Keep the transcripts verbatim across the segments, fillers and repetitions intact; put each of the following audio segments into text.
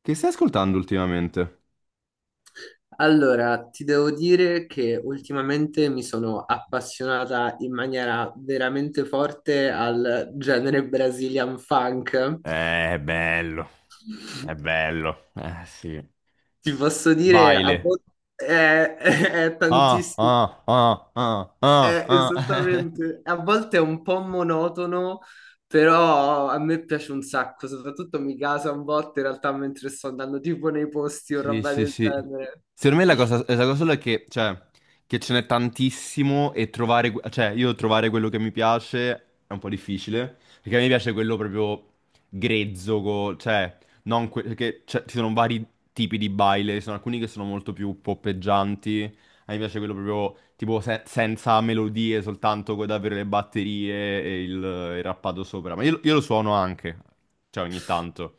Che stai ascoltando ultimamente? Allora, ti devo dire che ultimamente mi sono appassionata in maniera veramente forte al genere Brazilian funk. Eh, è bello, è bello, eh sì. Ti posso dire, a Baile. volte è, è è Ah, tantissimo, ah, ah, ah, ah, è ah. esattamente, a volte è un po' monotono, però a me piace un sacco, soprattutto mi casa un botto in realtà mentre sto andando tipo nei posti o Sì, roba sì, del sì. genere. Secondo me la cosa, la cosa sola è che, cioè, che ce n'è tantissimo e trovare, que- cioè, io trovare quello che mi piace è un po' difficile, perché a me piace quello proprio grezzo, co- cioè, non que- perché cioè, ci sono vari tipi di baile, ci sono alcuni che sono molto più poppeggianti, a me piace quello proprio, tipo, se- senza melodie, soltanto con davvero le batterie e il, il rappato sopra, ma io, io lo suono anche, cioè, ogni tanto.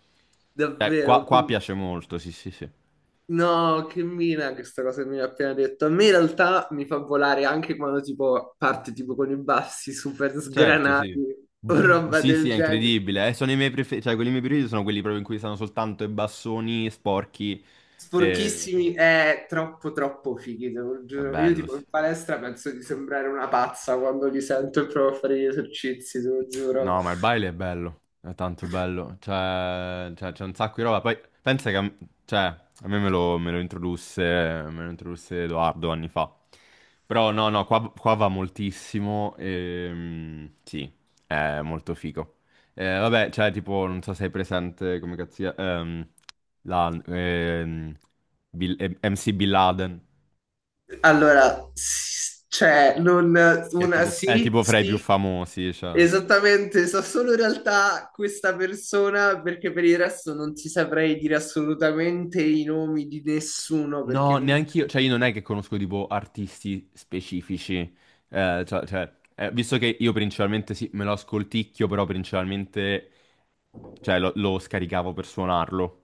Cioè, qua, Davvero. qua piace molto, sì, sì, sì. No, che mina questa cosa che mi hai appena detto. A me in realtà mi fa volare anche quando tipo parte tipo con i bassi super Certo, sgranati sì. o roba Sì, del sì, è genere. incredibile. eh, Sono i miei preferiti, cioè quelli miei preferiti sono quelli proprio in cui stanno soltanto i bassoni sporchi. E... Sporchissimi è troppo troppo fighi, te lo È giuro. Io bello, tipo sì. in palestra penso di sembrare una pazza quando li sento e provo a fare gli esercizi, te lo giuro. No, ma il baile è bello, è tanto bello, cioè, cioè, c'è un sacco di roba, poi pensa che, a m- cioè, a me me lo, me lo introdusse, me lo introdusse Edoardo anni fa, però no, no, qua, qua va moltissimo, e, sì, è molto figo. Eh, vabbè, cioè, tipo, non so se hai presente, come cazzia, ehm, la, ehm, Bill- eh, M C Bin Laden, Allora, s- cioè, non che è una, tipo, è sì, tipo fra i più sì. famosi, cioè. Esattamente, so solo in realtà questa persona perché per il resto non ti saprei dire assolutamente i nomi di nessuno No, perché comunque neanche io, cioè io non è che conosco tipo artisti specifici, eh, cioè, cioè, eh, visto che io principalmente sì, me lo ascolticchio, però principalmente cioè, lo, lo scaricavo per suonarlo.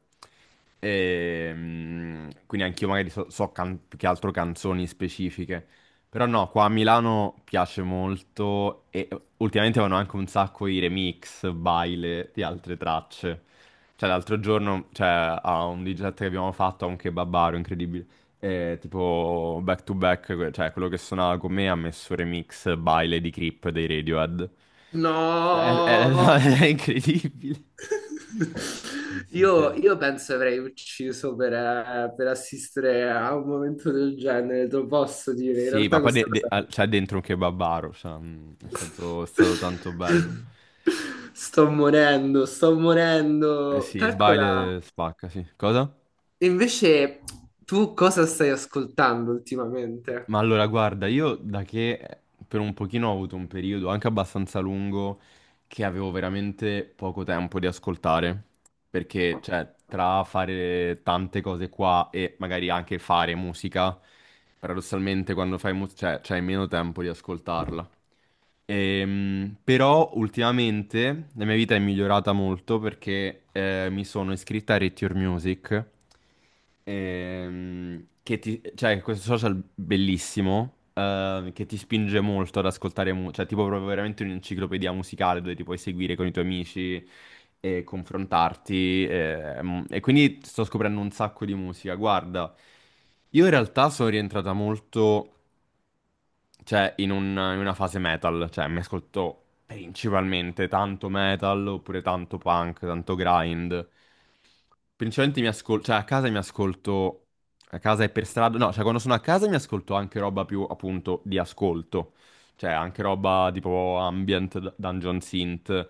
Ehm, quindi anch'io magari so, so can- più che altro canzoni specifiche. Però no, qua a Milano piace molto e ultimamente vanno anche un sacco i remix, baile di altre tracce. Cioè l'altro giorno, cioè, a un D J set che abbiamo fatto, a un kebabaro incredibile, eh, tipo back to back, que- cioè quello che suonava con me ha messo remix baile di Creep dei Radiohead. È, è- no. è incredibile. Sì, sì, Io, sì. io penso avrei ucciso per, eh, per assistere a un momento del genere, te lo posso dire. In Sì, ma realtà poi de- questa de- cosa... al- c'è dentro un kebabaro, cioè, mm, è stato, è stato tanto bello. Sto morendo, sto Eh morendo. sì, il Calcola, baile spacca, sì. Cosa? invece tu cosa stai ascoltando ultimamente? Ma allora, guarda, io da che eh, per un pochino ho avuto un periodo anche abbastanza lungo che avevo veramente poco tempo di ascoltare, perché, cioè, tra fare tante cose qua e magari anche fare musica, paradossalmente quando fai musica, cioè, c'hai meno tempo di ascoltarla. Ehm, però ultimamente la mia vita è migliorata molto perché eh, mi sono iscritta a Rate Your Music. Ehm, che ti, cioè, questo social bellissimo, eh, che ti spinge molto ad ascoltare, mu- cioè, tipo proprio veramente un'enciclopedia musicale dove ti puoi seguire con i tuoi amici e confrontarti. ehm, e quindi sto scoprendo un sacco di musica. Guarda, io in realtà sono rientrata molto cioè, in, un- in una fase metal, cioè, mi ascolto principalmente tanto metal, oppure tanto punk, tanto grind. Principalmente mi ascolto, cioè, a casa mi ascolto, a casa e per strada, no, cioè, quando sono a casa mi ascolto anche roba più, appunto, di ascolto. Cioè, anche roba tipo ambient, d- dungeon synth,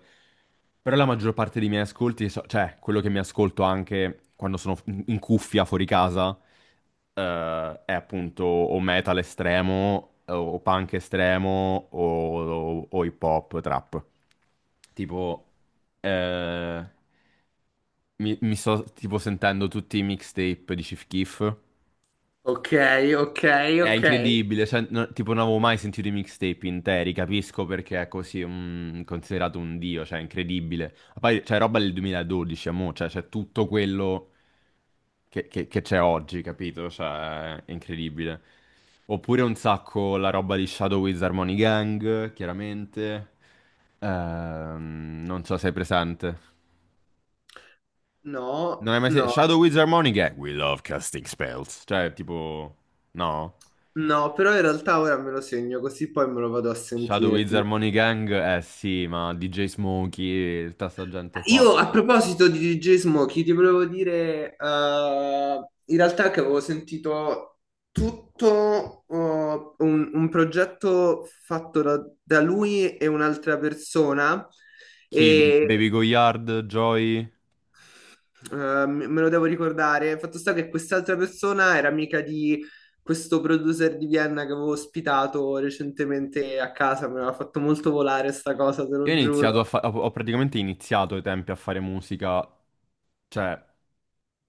però la maggior parte dei miei ascolti, so- cioè quello che mi ascolto anche quando sono in in cuffia fuori casa, eh, è appunto o metal estremo, o punk estremo, o, o- o hip hop, trap. Tipo, eh, mi, mi sto tipo sentendo tutti i mixtape di Chief Keef, Ok, ok, è ok. incredibile, cioè, no- tipo non avevo mai sentito i mixtape interi, capisco perché è così mm, considerato un dio, cioè è incredibile. Ma poi c'è roba del duemiladodici, amore, cioè c'è tutto quello che che- che c'è oggi, capito? Cioè è incredibile. Oppure un sacco la roba di Shadow Wiz Harmony Gang, chiaramente. Ehm, non so se è presente. Non No, hai mai sentito no, Shadow Wiz Harmony Gang? We love casting spells. Cioè, tipo. No? no, però in realtà ora me lo segno così poi me lo vado a Shadow sentire. Wizard Ti Harmony Gang, eh sì, ma D J Smokey, tutta sta gente qua. Io a proposito di dirigismo, chi ti volevo dire, eh, in realtà che avevo sentito tutto eh, un, un progetto fatto da, da lui e un'altra persona Chi? Ba- e Baby Goyard, Joy? eh, me me lo devo ricordare. Fatto sta che quest'altra persona era amica di questo producer di Vienna che avevo ospitato recentemente a casa, mi aveva fatto molto volare sta cosa, te Io ho lo giuro. iniziato a fa- ho ho praticamente iniziato ai tempi a fare musica, cioè,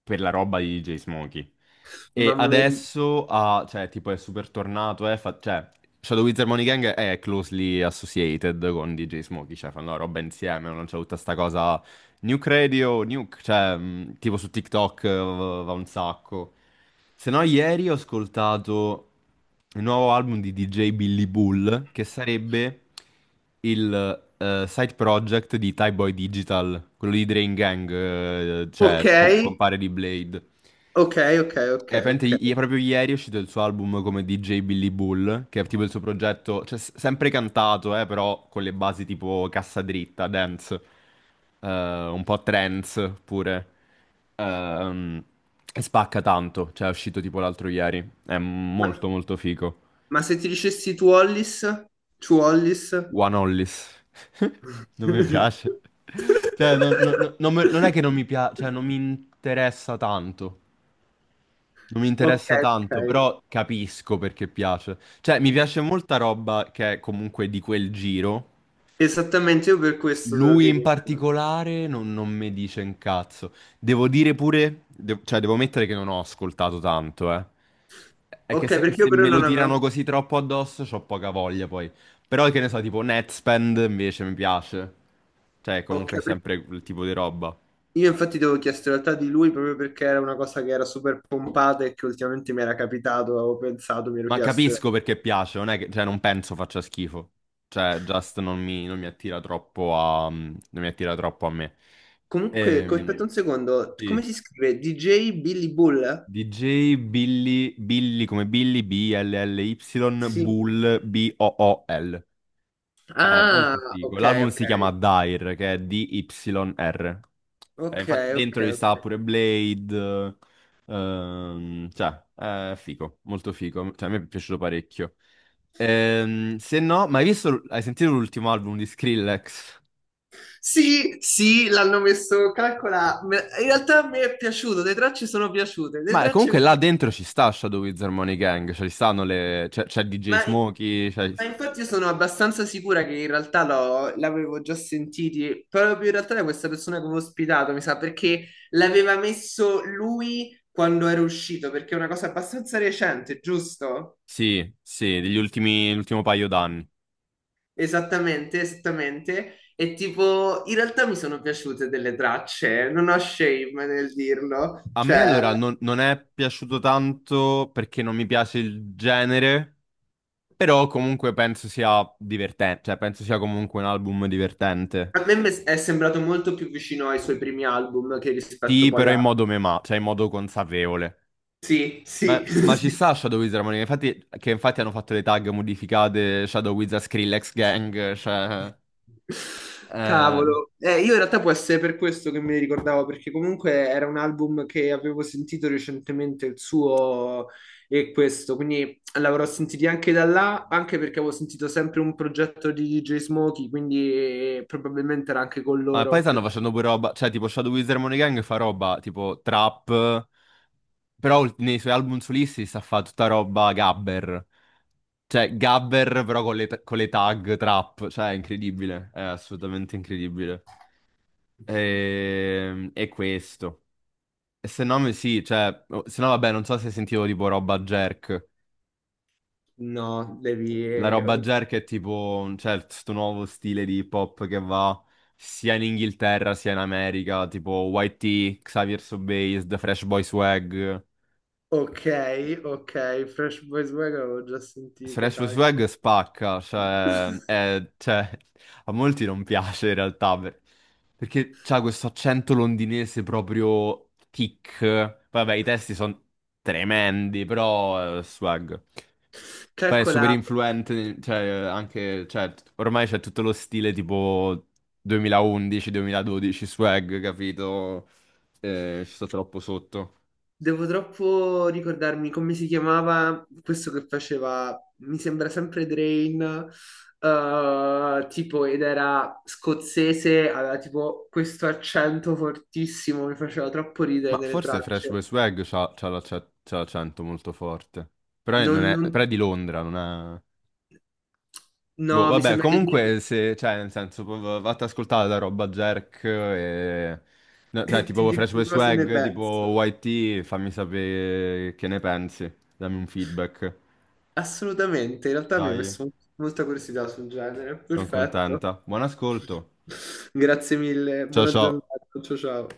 per la roba di D J Smokey. E Mamma mia. di- adesso ha, cioè, tipo è super tornato, eh, fa- cioè, Shadow Wizard Money Gang è closely associated con D J Smokey, cioè fanno la roba insieme, non c'è tutta sta cosa Nuke Radio, Nuke, cioè, mh, tipo su TikTok eh, va un sacco. Se no, ieri ho ascoltato il nuovo album di D J Billy Bull, che sarebbe il eh, side project di Tyboy Digital, quello di Drain Gang, eh, Ok, cioè, co- compare di Blade. ok, ok, ok, Eh, praticamente ok. i- proprio ieri è uscito il suo album come D J Billy Bull, che è tipo il suo progetto, cioè s- sempre cantato, eh, però con le basi tipo cassa dritta, dance, eh, un po' trance pure. Ehm, e spacca tanto, cioè è uscito tipo l'altro ieri. È Ma, molto molto figo. ma se ti dicessi Tu Wallis? Tu Wallis? One Hollis. Non mi piace. Cioè, non, non- non- non me- non è che non mi piace, cioè non mi interessa tanto. Non mi Ok, interessa ok. tanto, però capisco perché piace. Cioè, mi piace molta roba che è comunque di quel giro. Esattamente, io per questo te lo Lui in chiedevo. particolare non, non mi dice un cazzo. Devo dire pure, de- cioè, devo mettere che non ho ascoltato tanto, eh. È che Ok, se, perché io se però me lo non tirano avevo... così troppo addosso, c'ho poca voglia poi. Però che ne so, tipo Netspend invece mi piace. Cioè, Ok, comunque è perché sempre quel tipo di roba. io infatti ti avevo chiesto in realtà di lui proprio perché era una cosa che era super pompata e che ultimamente mi era capitato, avevo pensato, mi ero Ma chiesto. capisco perché piace, non è che, cioè, non penso faccia schifo. Cioè, Just non mi, non mi attira troppo a, mm, non mi attira troppo a me. Comunque, co- aspetta Ehm, un secondo, come sì. si scrive? D J Billy Bull? D J Billy, Billy come Billy, B L L Y, Sì. Bull, B O O L. È Ah, molto figo. ok, L'album ok. si chiama Dire, che è D Y R. Eh, Ok, infatti ok, dentro ci sta ok. pure Blade, ehm, cioè, è figo, molto figo. Cioè, a me è piaciuto parecchio. Ehm, se no, ma hai visto, hai sentito l'ultimo album di Skrillex? Sì, sì, l'hanno messo, calcola, me- in realtà a me è piaciuto, le tracce sono piaciute, le Ma tracce comunque mi là so- dentro ci sta Shadow Wizard Harmony Gang, cioè ci stanno le... c'è c'è D J ma, Smokey. c'è- ma infatti io sono abbastanza sicura che in realtà l'ho- l'avevo già sentiti, proprio in realtà da questa persona che avevo ospitato, mi sa, perché l'aveva messo lui quando era uscito, perché è una cosa abbastanza recente, giusto? Sì, sì, degli ultimi, l'ultimo paio d'anni. Esattamente, esattamente, e tipo, in realtà mi sono piaciute delle tracce, non ho shame nel dirlo, A me cioè... allora non, non è piaciuto tanto perché non mi piace il genere, però comunque penso sia divertente, cioè penso sia comunque un album divertente. A me mi è sembrato molto più vicino ai suoi primi album che rispetto Sì, poi però a... in modo mema, cioè in modo consapevole. Sì, Ma, sì, ma ci sì. sta Shadow Wizard Monica, infatti, che infatti hanno fatto le tag modificate Shadow Wizard Skrillex Gang, cioè. eh, Cavolo. Eh, io in realtà può essere per questo che me ne ricordavo, perché comunque era un album che avevo sentito recentemente, il suo e questo, quindi l'avrò sentito anche da là, anche perché avevo sentito sempre un progetto di D J Smokey, quindi eh, probabilmente era anche con Ma poi loro. stanno facendo pure roba, cioè tipo Shadow Wizard Monica Gang fa roba tipo trap, però ult- nei suoi album solisti sta a fa tutta roba gabber, cioè gabber però con le, con le tag trap, cioè è incredibile, è assolutamente incredibile. E, e questo. E se no, mi- sì, cioè, oh, se no vabbè, non so se sentivo tipo roba jerk. No, devi... La roba eh, jerk è tipo, cioè, questo nuovo stile di hip hop che va sia in Inghilterra sia in America, tipo Y T, Xavier Sobase, The Fresh Boy Swag. Ok, ok, Fresh Boys Wagon avevo già sentito, Fresh Boy Swag calco. spacca, cioè, è- cioè, a molti non piace in realtà, per- perché c'ha questo accento londinese proprio tic. Vabbè, i testi sono tremendi, però eh, swag. Beh, è super Calcola, influente, cioè, anche, cioè, ormai c'è tutto lo stile tipo duemilaundici-duemiladodici swag, capito? Eh, ci sto troppo sotto. devo troppo ricordarmi come si chiamava questo che faceva, mi sembra sempre Drain, eh, tipo, ed era scozzese, aveva tipo questo accento fortissimo, mi faceva troppo ridere Ma nelle forse Fresh Boy tracce. Swag c'ha c'ha la- c'ha- c'ha l'accento molto forte. Però è, Non, non è, non- però è di Londra, non è. Boh, no, mi vabbè, sembra che io comunque, se, cioè, nel senso, v- v- vatti ad ascoltare la roba Jerk. E... no, cioè, ti tipo Fresh Boy dico cosa ne Swag, tipo penso. Y T, fammi sapere che ne pensi, dammi un feedback. Assolutamente, in realtà mi ha Dai. messo molta curiosità sul genere. Sono Perfetto. contenta. Buon ascolto. Grazie mille, Ciao buona ciao. giornata. Ciao ciao.